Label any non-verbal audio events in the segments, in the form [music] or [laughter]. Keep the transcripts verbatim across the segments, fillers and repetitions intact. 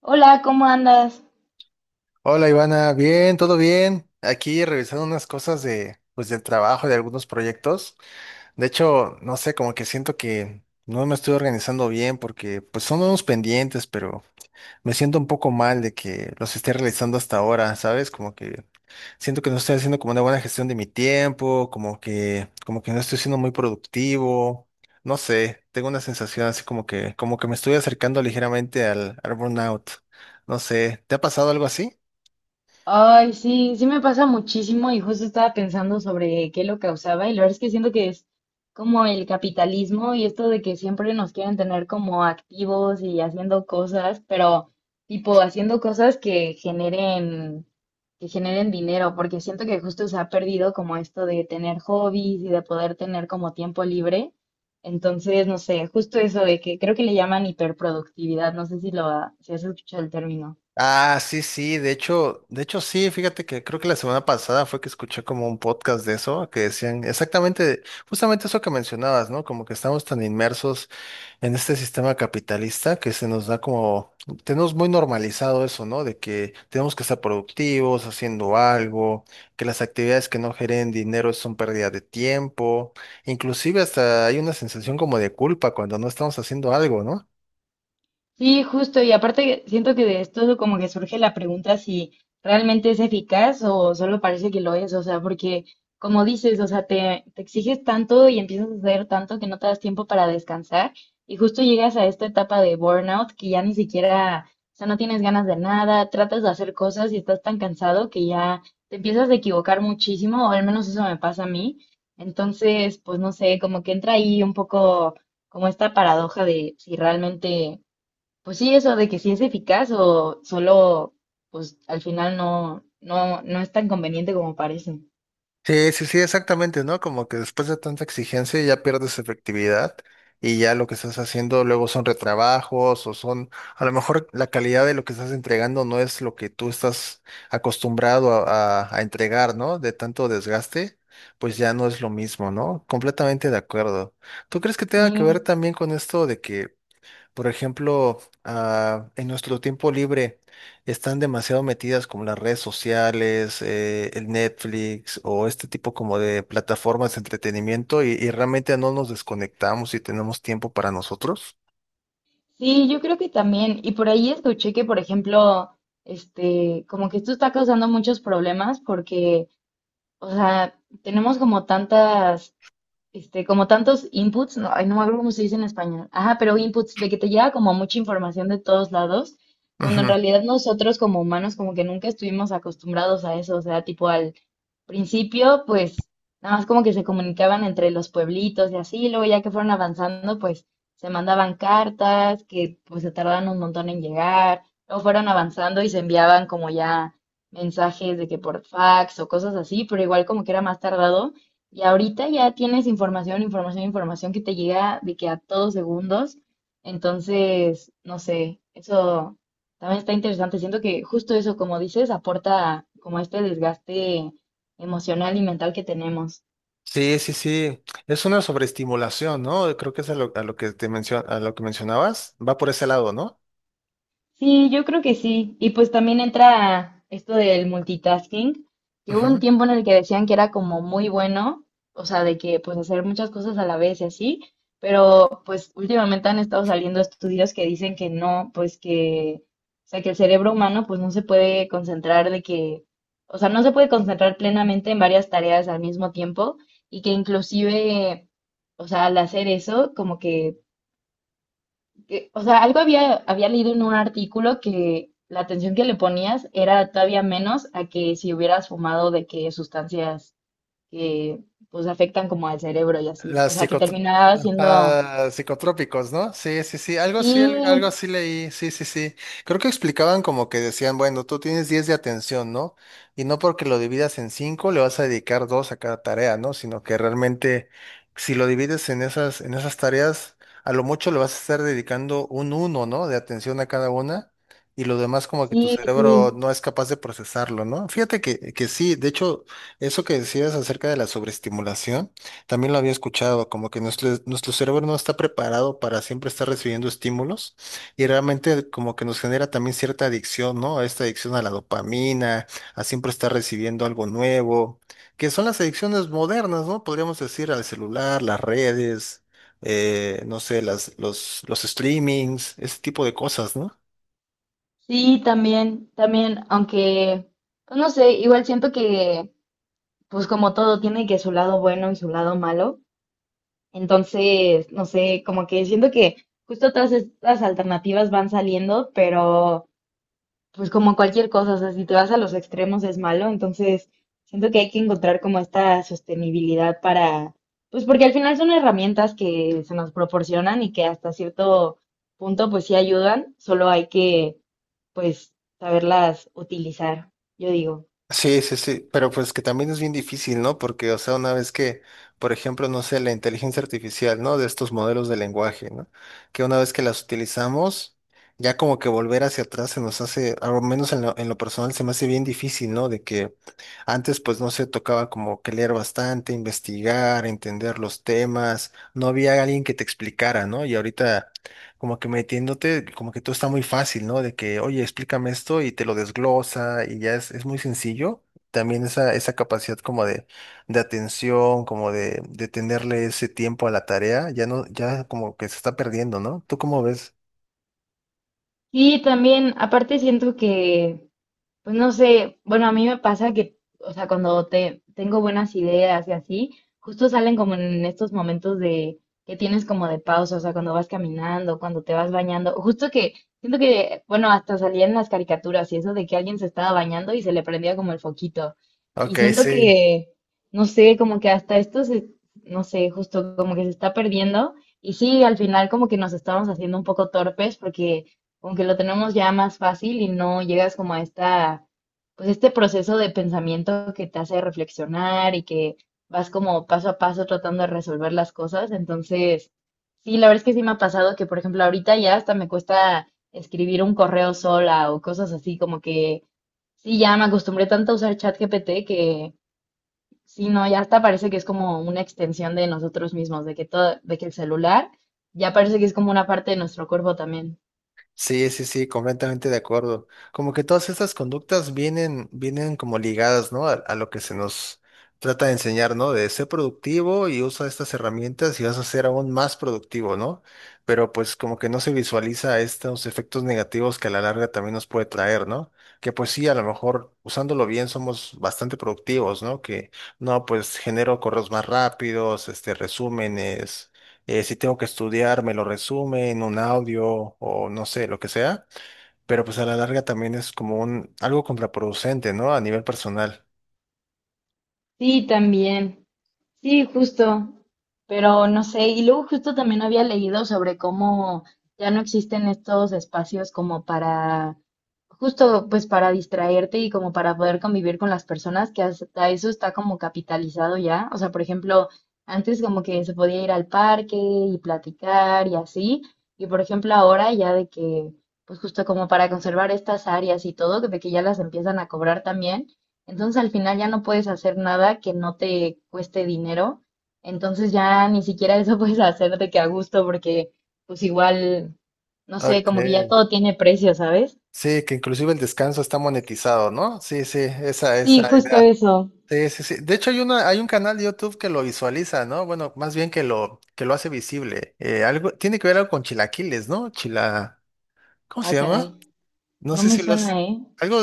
Hola, ¿cómo andas? Hola Ivana, bien, todo bien. Aquí revisando unas cosas de, pues, del trabajo, de algunos proyectos. De hecho, no sé, como que siento que no me estoy organizando bien porque pues son unos pendientes, pero me siento un poco mal de que los esté realizando hasta ahora, ¿sabes? Como que siento que no estoy haciendo como una buena gestión de mi tiempo, como que, como que no estoy siendo muy productivo. No sé, tengo una sensación así como que, como que me estoy acercando ligeramente al, al burnout. No sé, ¿te ha pasado algo así? Ay, sí, sí me pasa muchísimo y justo estaba pensando sobre qué lo causaba, y la verdad es que siento que es como el capitalismo y esto de que siempre nos quieren tener como activos y haciendo cosas, pero tipo haciendo cosas que generen, que generen dinero, porque siento que justo se ha perdido como esto de tener hobbies y de poder tener como tiempo libre. Entonces, no sé, justo eso de que creo que le llaman hiperproductividad, no sé si lo ha- si has escuchado el término. Ah, sí, sí, de hecho, de hecho sí, fíjate que creo que la semana pasada fue que escuché como un podcast de eso, que decían exactamente, justamente eso que mencionabas, ¿no? Como que estamos tan inmersos en este sistema capitalista que se nos da como, tenemos muy normalizado eso, ¿no? De que tenemos que estar productivos, haciendo algo, que las actividades que no generen dinero son pérdida de tiempo, inclusive hasta hay una sensación como de culpa cuando no estamos haciendo algo, ¿no? Sí, justo, y aparte siento que de esto como que surge la pregunta si realmente es eficaz o solo parece que lo es. O sea, porque como dices, o sea, te, te exiges tanto y empiezas a hacer tanto que no te das tiempo para descansar y justo llegas a esta etapa de burnout que ya ni siquiera, o sea, no tienes ganas de nada, tratas de hacer cosas y estás tan cansado que ya te empiezas a equivocar muchísimo, o al menos eso me pasa a mí. Entonces, pues no sé, como que entra ahí un poco como esta paradoja de si realmente, pues sí, eso de que sí es eficaz o solo, pues al final no, no, no es tan conveniente como parece. Sí, sí, sí, exactamente, ¿no? Como que después de tanta exigencia ya pierdes efectividad y ya lo que estás haciendo luego son retrabajos o son, a lo mejor la calidad de lo que estás entregando no es lo que tú estás acostumbrado a, a- a entregar, ¿no? De tanto desgaste, pues ya no es lo mismo, ¿no? Completamente de acuerdo. ¿Tú crees que tenga que ver Sí, también con esto de que... Por ejemplo, ah, en nuestro tiempo libre están demasiado metidas como las redes sociales, eh, el Netflix o este tipo como de plataformas de entretenimiento y, y realmente no nos desconectamos y tenemos tiempo para nosotros. sí, yo creo que también. Y por ahí escuché que, por ejemplo, este, como que esto está causando muchos problemas porque, o sea, tenemos como tantas, este, como tantos inputs, no, ay, no me acuerdo cómo se dice en español. Ajá, pero inputs, de que te llega como mucha información de todos lados, cuando en Ujú. realidad nosotros como humanos como que nunca estuvimos acostumbrados a eso. O sea, tipo al principio, pues nada más como que se comunicaban entre los pueblitos y así, luego ya que fueron avanzando, pues se mandaban cartas que pues se tardaban un montón en llegar, luego fueron avanzando y se enviaban como ya mensajes de que por fax o cosas así, pero igual como que era más tardado. Y ahorita ya tienes información, información, información que te llega de que a todos segundos. Entonces, no sé, eso también está interesante. Siento que justo eso, como dices, aporta como este desgaste emocional y mental que tenemos. Sí, sí, sí. Es una sobreestimulación, ¿no? Creo que es a lo, a lo que te mencio- a lo que mencionabas. Va por ese lado, ¿no? Sí, yo creo que sí. Y pues también entra esto del multitasking, que hubo un Ujú. tiempo en el que decían que era como muy bueno, o sea, de que pues hacer muchas cosas a la vez y así, pero pues últimamente han estado saliendo estudios que dicen que no, pues que, o sea, que el cerebro humano pues no se puede concentrar de que, o sea, no se puede concentrar plenamente en varias tareas al mismo tiempo y que inclusive, o sea, al hacer eso, como que que- o sea, algo había, había leído en un artículo que la atención que le ponías era todavía menos a que si hubieras fumado de que sustancias que pues afectan como al cerebro y así. O Las sea, que psico- terminaba siendo, Ah, psicotrópicos, ¿no? Sí, sí, sí, algo así, al- algo sí, así leí, sí, sí, sí. Creo que explicaban como que decían, bueno, tú tienes diez de atención, ¿no? Y no porque lo dividas en cinco, le vas a dedicar dos a cada tarea, ¿no? Sino que realmente si lo divides en esas, en esas tareas, a lo mucho le vas a estar dedicando un uno, ¿no? De atención a cada una y lo demás como que tu sí, cerebro sí, no es capaz de procesarlo, ¿no? Fíjate que, que sí, de hecho, eso que decías acerca de la sobreestimulación. También lo había escuchado, como que nuestro, nuestro cerebro no está preparado para siempre estar recibiendo estímulos y realmente como que nos genera también cierta adicción, ¿no? Esta adicción a la dopamina, a siempre estar recibiendo algo nuevo, que son las adicciones modernas, ¿no? Podríamos decir al celular, las redes, eh, no sé, las, los, los streamings, ese tipo de cosas, ¿no? sí, también, también, aunque, pues no sé, igual siento que pues como todo tiene que su lado bueno y su lado malo. Entonces, no sé, como que siento que justo todas estas alternativas van saliendo, pero… pues como cualquier cosa, o sea, si te vas a los extremos es malo, entonces siento que hay que encontrar como esta sostenibilidad para, pues porque al final son herramientas que se nos proporcionan y que hasta cierto punto pues sí ayudan, solo hay que, pues, saberlas utilizar, yo digo. Sí, sí, sí, pero pues que también es bien difícil, ¿no? Porque, o sea, una vez que, por ejemplo, no sé, la inteligencia artificial, ¿no? De estos modelos de lenguaje, ¿no? Que una vez que las utilizamos, ya como que volver hacia atrás se nos hace, al menos en lo, en lo personal, se me hace bien difícil, ¿no? De que antes, pues, no sé, tocaba como que leer bastante, investigar, entender los temas, no había alguien que te explicara, ¿no? Y ahorita como que metiéndote, como que todo está muy fácil, ¿no? De que, oye, explícame esto y te lo desglosa y ya es, es muy sencillo. También esa, esa capacidad como de, de atención, como de, de tenerle ese tiempo a la tarea, ya no, ya como que se está perdiendo, ¿no? ¿Tú cómo ves? Y también, aparte siento que, pues no sé, bueno, a mí me pasa que, o sea, cuando te tengo buenas ideas y así, justo salen como en estos momentos de que tienes como de pausa, o sea, cuando vas caminando, cuando te vas bañando, justo que siento que, bueno, hasta salía en las caricaturas y eso de que alguien se estaba bañando y se le prendía como el foquito. Y Ok, siento sí. que, no sé, como que hasta esto se, no sé, justo como que se está perdiendo. Y sí, al final como que nos estamos haciendo un poco torpes porque aunque lo tenemos ya más fácil y no llegas como a esta, pues, este proceso de pensamiento que te hace reflexionar y que vas como paso a paso tratando de resolver las cosas. Entonces, sí, la verdad es que sí me ha pasado que, por ejemplo, ahorita ya hasta me cuesta escribir un correo sola o cosas así, como que sí, ya me acostumbré tanto a usar ChatGPT que sí, no, ya hasta parece que es como una extensión de nosotros mismos, de que todo, de que el celular ya parece que es como una parte de nuestro cuerpo también. Sí, sí, sí, completamente de acuerdo. Como que todas estas conductas vienen, vienen como ligadas, ¿no? A, a lo que se nos trata de enseñar, ¿no? De ser productivo y usa estas herramientas y vas a ser aún más productivo, ¿no? Pero pues como que no se visualiza estos efectos negativos que a la larga también nos puede traer, ¿no? Que pues sí, a lo mejor usándolo bien somos bastante productivos, ¿no? Que no, pues genero correos más rápidos, este, resúmenes, eh, si tengo que estudiar, me lo resume en un audio o no sé, lo que sea, pero pues a la larga también es como un algo contraproducente, ¿no? A nivel personal. Sí, también. Sí, justo, pero no sé, y luego justo también había leído sobre cómo ya no existen estos espacios como para, justo pues para distraerte y como para poder convivir con las personas, que hasta eso está como capitalizado ya, o sea, por ejemplo, antes como que se podía ir al parque y platicar y así, y por ejemplo ahora ya de que, pues justo como para conservar estas áreas y todo, de que ya las empiezan a cobrar también. Entonces al final ya no puedes hacer nada que no te cueste dinero. Entonces ya ni siquiera eso [laughs] puedes hacer de que a gusto porque pues igual, no sé, Ok. como que ya todo tiene precio, ¿sabes? Sí, que inclusive el descanso está monetizado, ¿no? Sí, sí, esa, Sí, esa justo idea. eso. Sí, sí, sí. De hecho, hay una, hay un canal de YouTube que lo visualiza, ¿no? Bueno, más bien que lo, que lo hace visible. Eh, algo, tiene que ver algo con chilaquiles, ¿no? Chila, ¿cómo Ah, se caray. llama? No No sé me si lo has, suena, ¿eh? algo,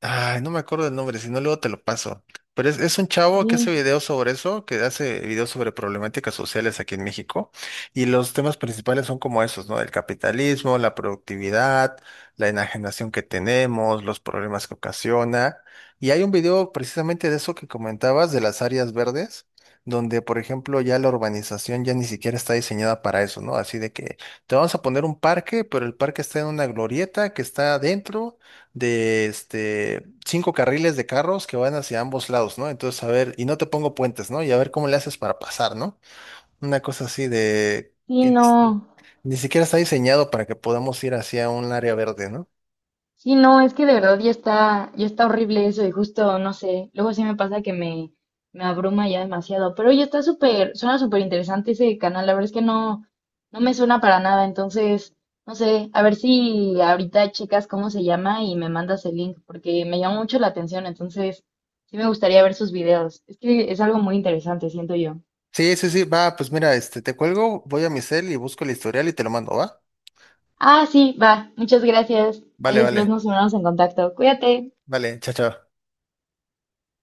ay, no me acuerdo del nombre, si no luego te lo paso. Pero es, es un chavo que hace Sí. videos sobre eso, que hace videos sobre problemáticas sociales aquí en México. Y los temas principales son como esos, ¿no? El capitalismo, la productividad, la enajenación que tenemos, los problemas que ocasiona. Y hay un video precisamente de eso que comentabas, de las áreas verdes, donde, por ejemplo, ya la urbanización ya ni siquiera está diseñada para eso, ¿no? Así de que te vamos a poner un parque, pero el parque está en una glorieta que está adentro de este, cinco carriles de carros que van hacia ambos lados, ¿no? Entonces, a ver, y no te pongo puentes, ¿no? Y a ver cómo le haces para pasar, ¿no? Una cosa así de Sí, sí, que ni, no. si- ni siquiera está diseñado para que podamos ir hacia un área verde, ¿no? Sí, no, es que de verdad ya está, ya está horrible eso y justo, no sé, luego sí me pasa que me, me abruma ya demasiado, pero ya está súper, suena súper interesante ese canal, la verdad es que no, no me suena para nada, entonces, no sé, a ver si ahorita checas cómo se llama y me mandas el link, porque me llama mucho la atención, entonces sí me gustaría ver sus videos, es que es algo muy interesante, siento yo. Sí, sí, sí, va, pues mira, este, te cuelgo, voy a mi cel y busco el historial y te lo mando, ¿va? Ah, sí, va, muchas gracias, ahí Vale, después vale, nos ponemos en contacto, cuídate. vale, chao, chao.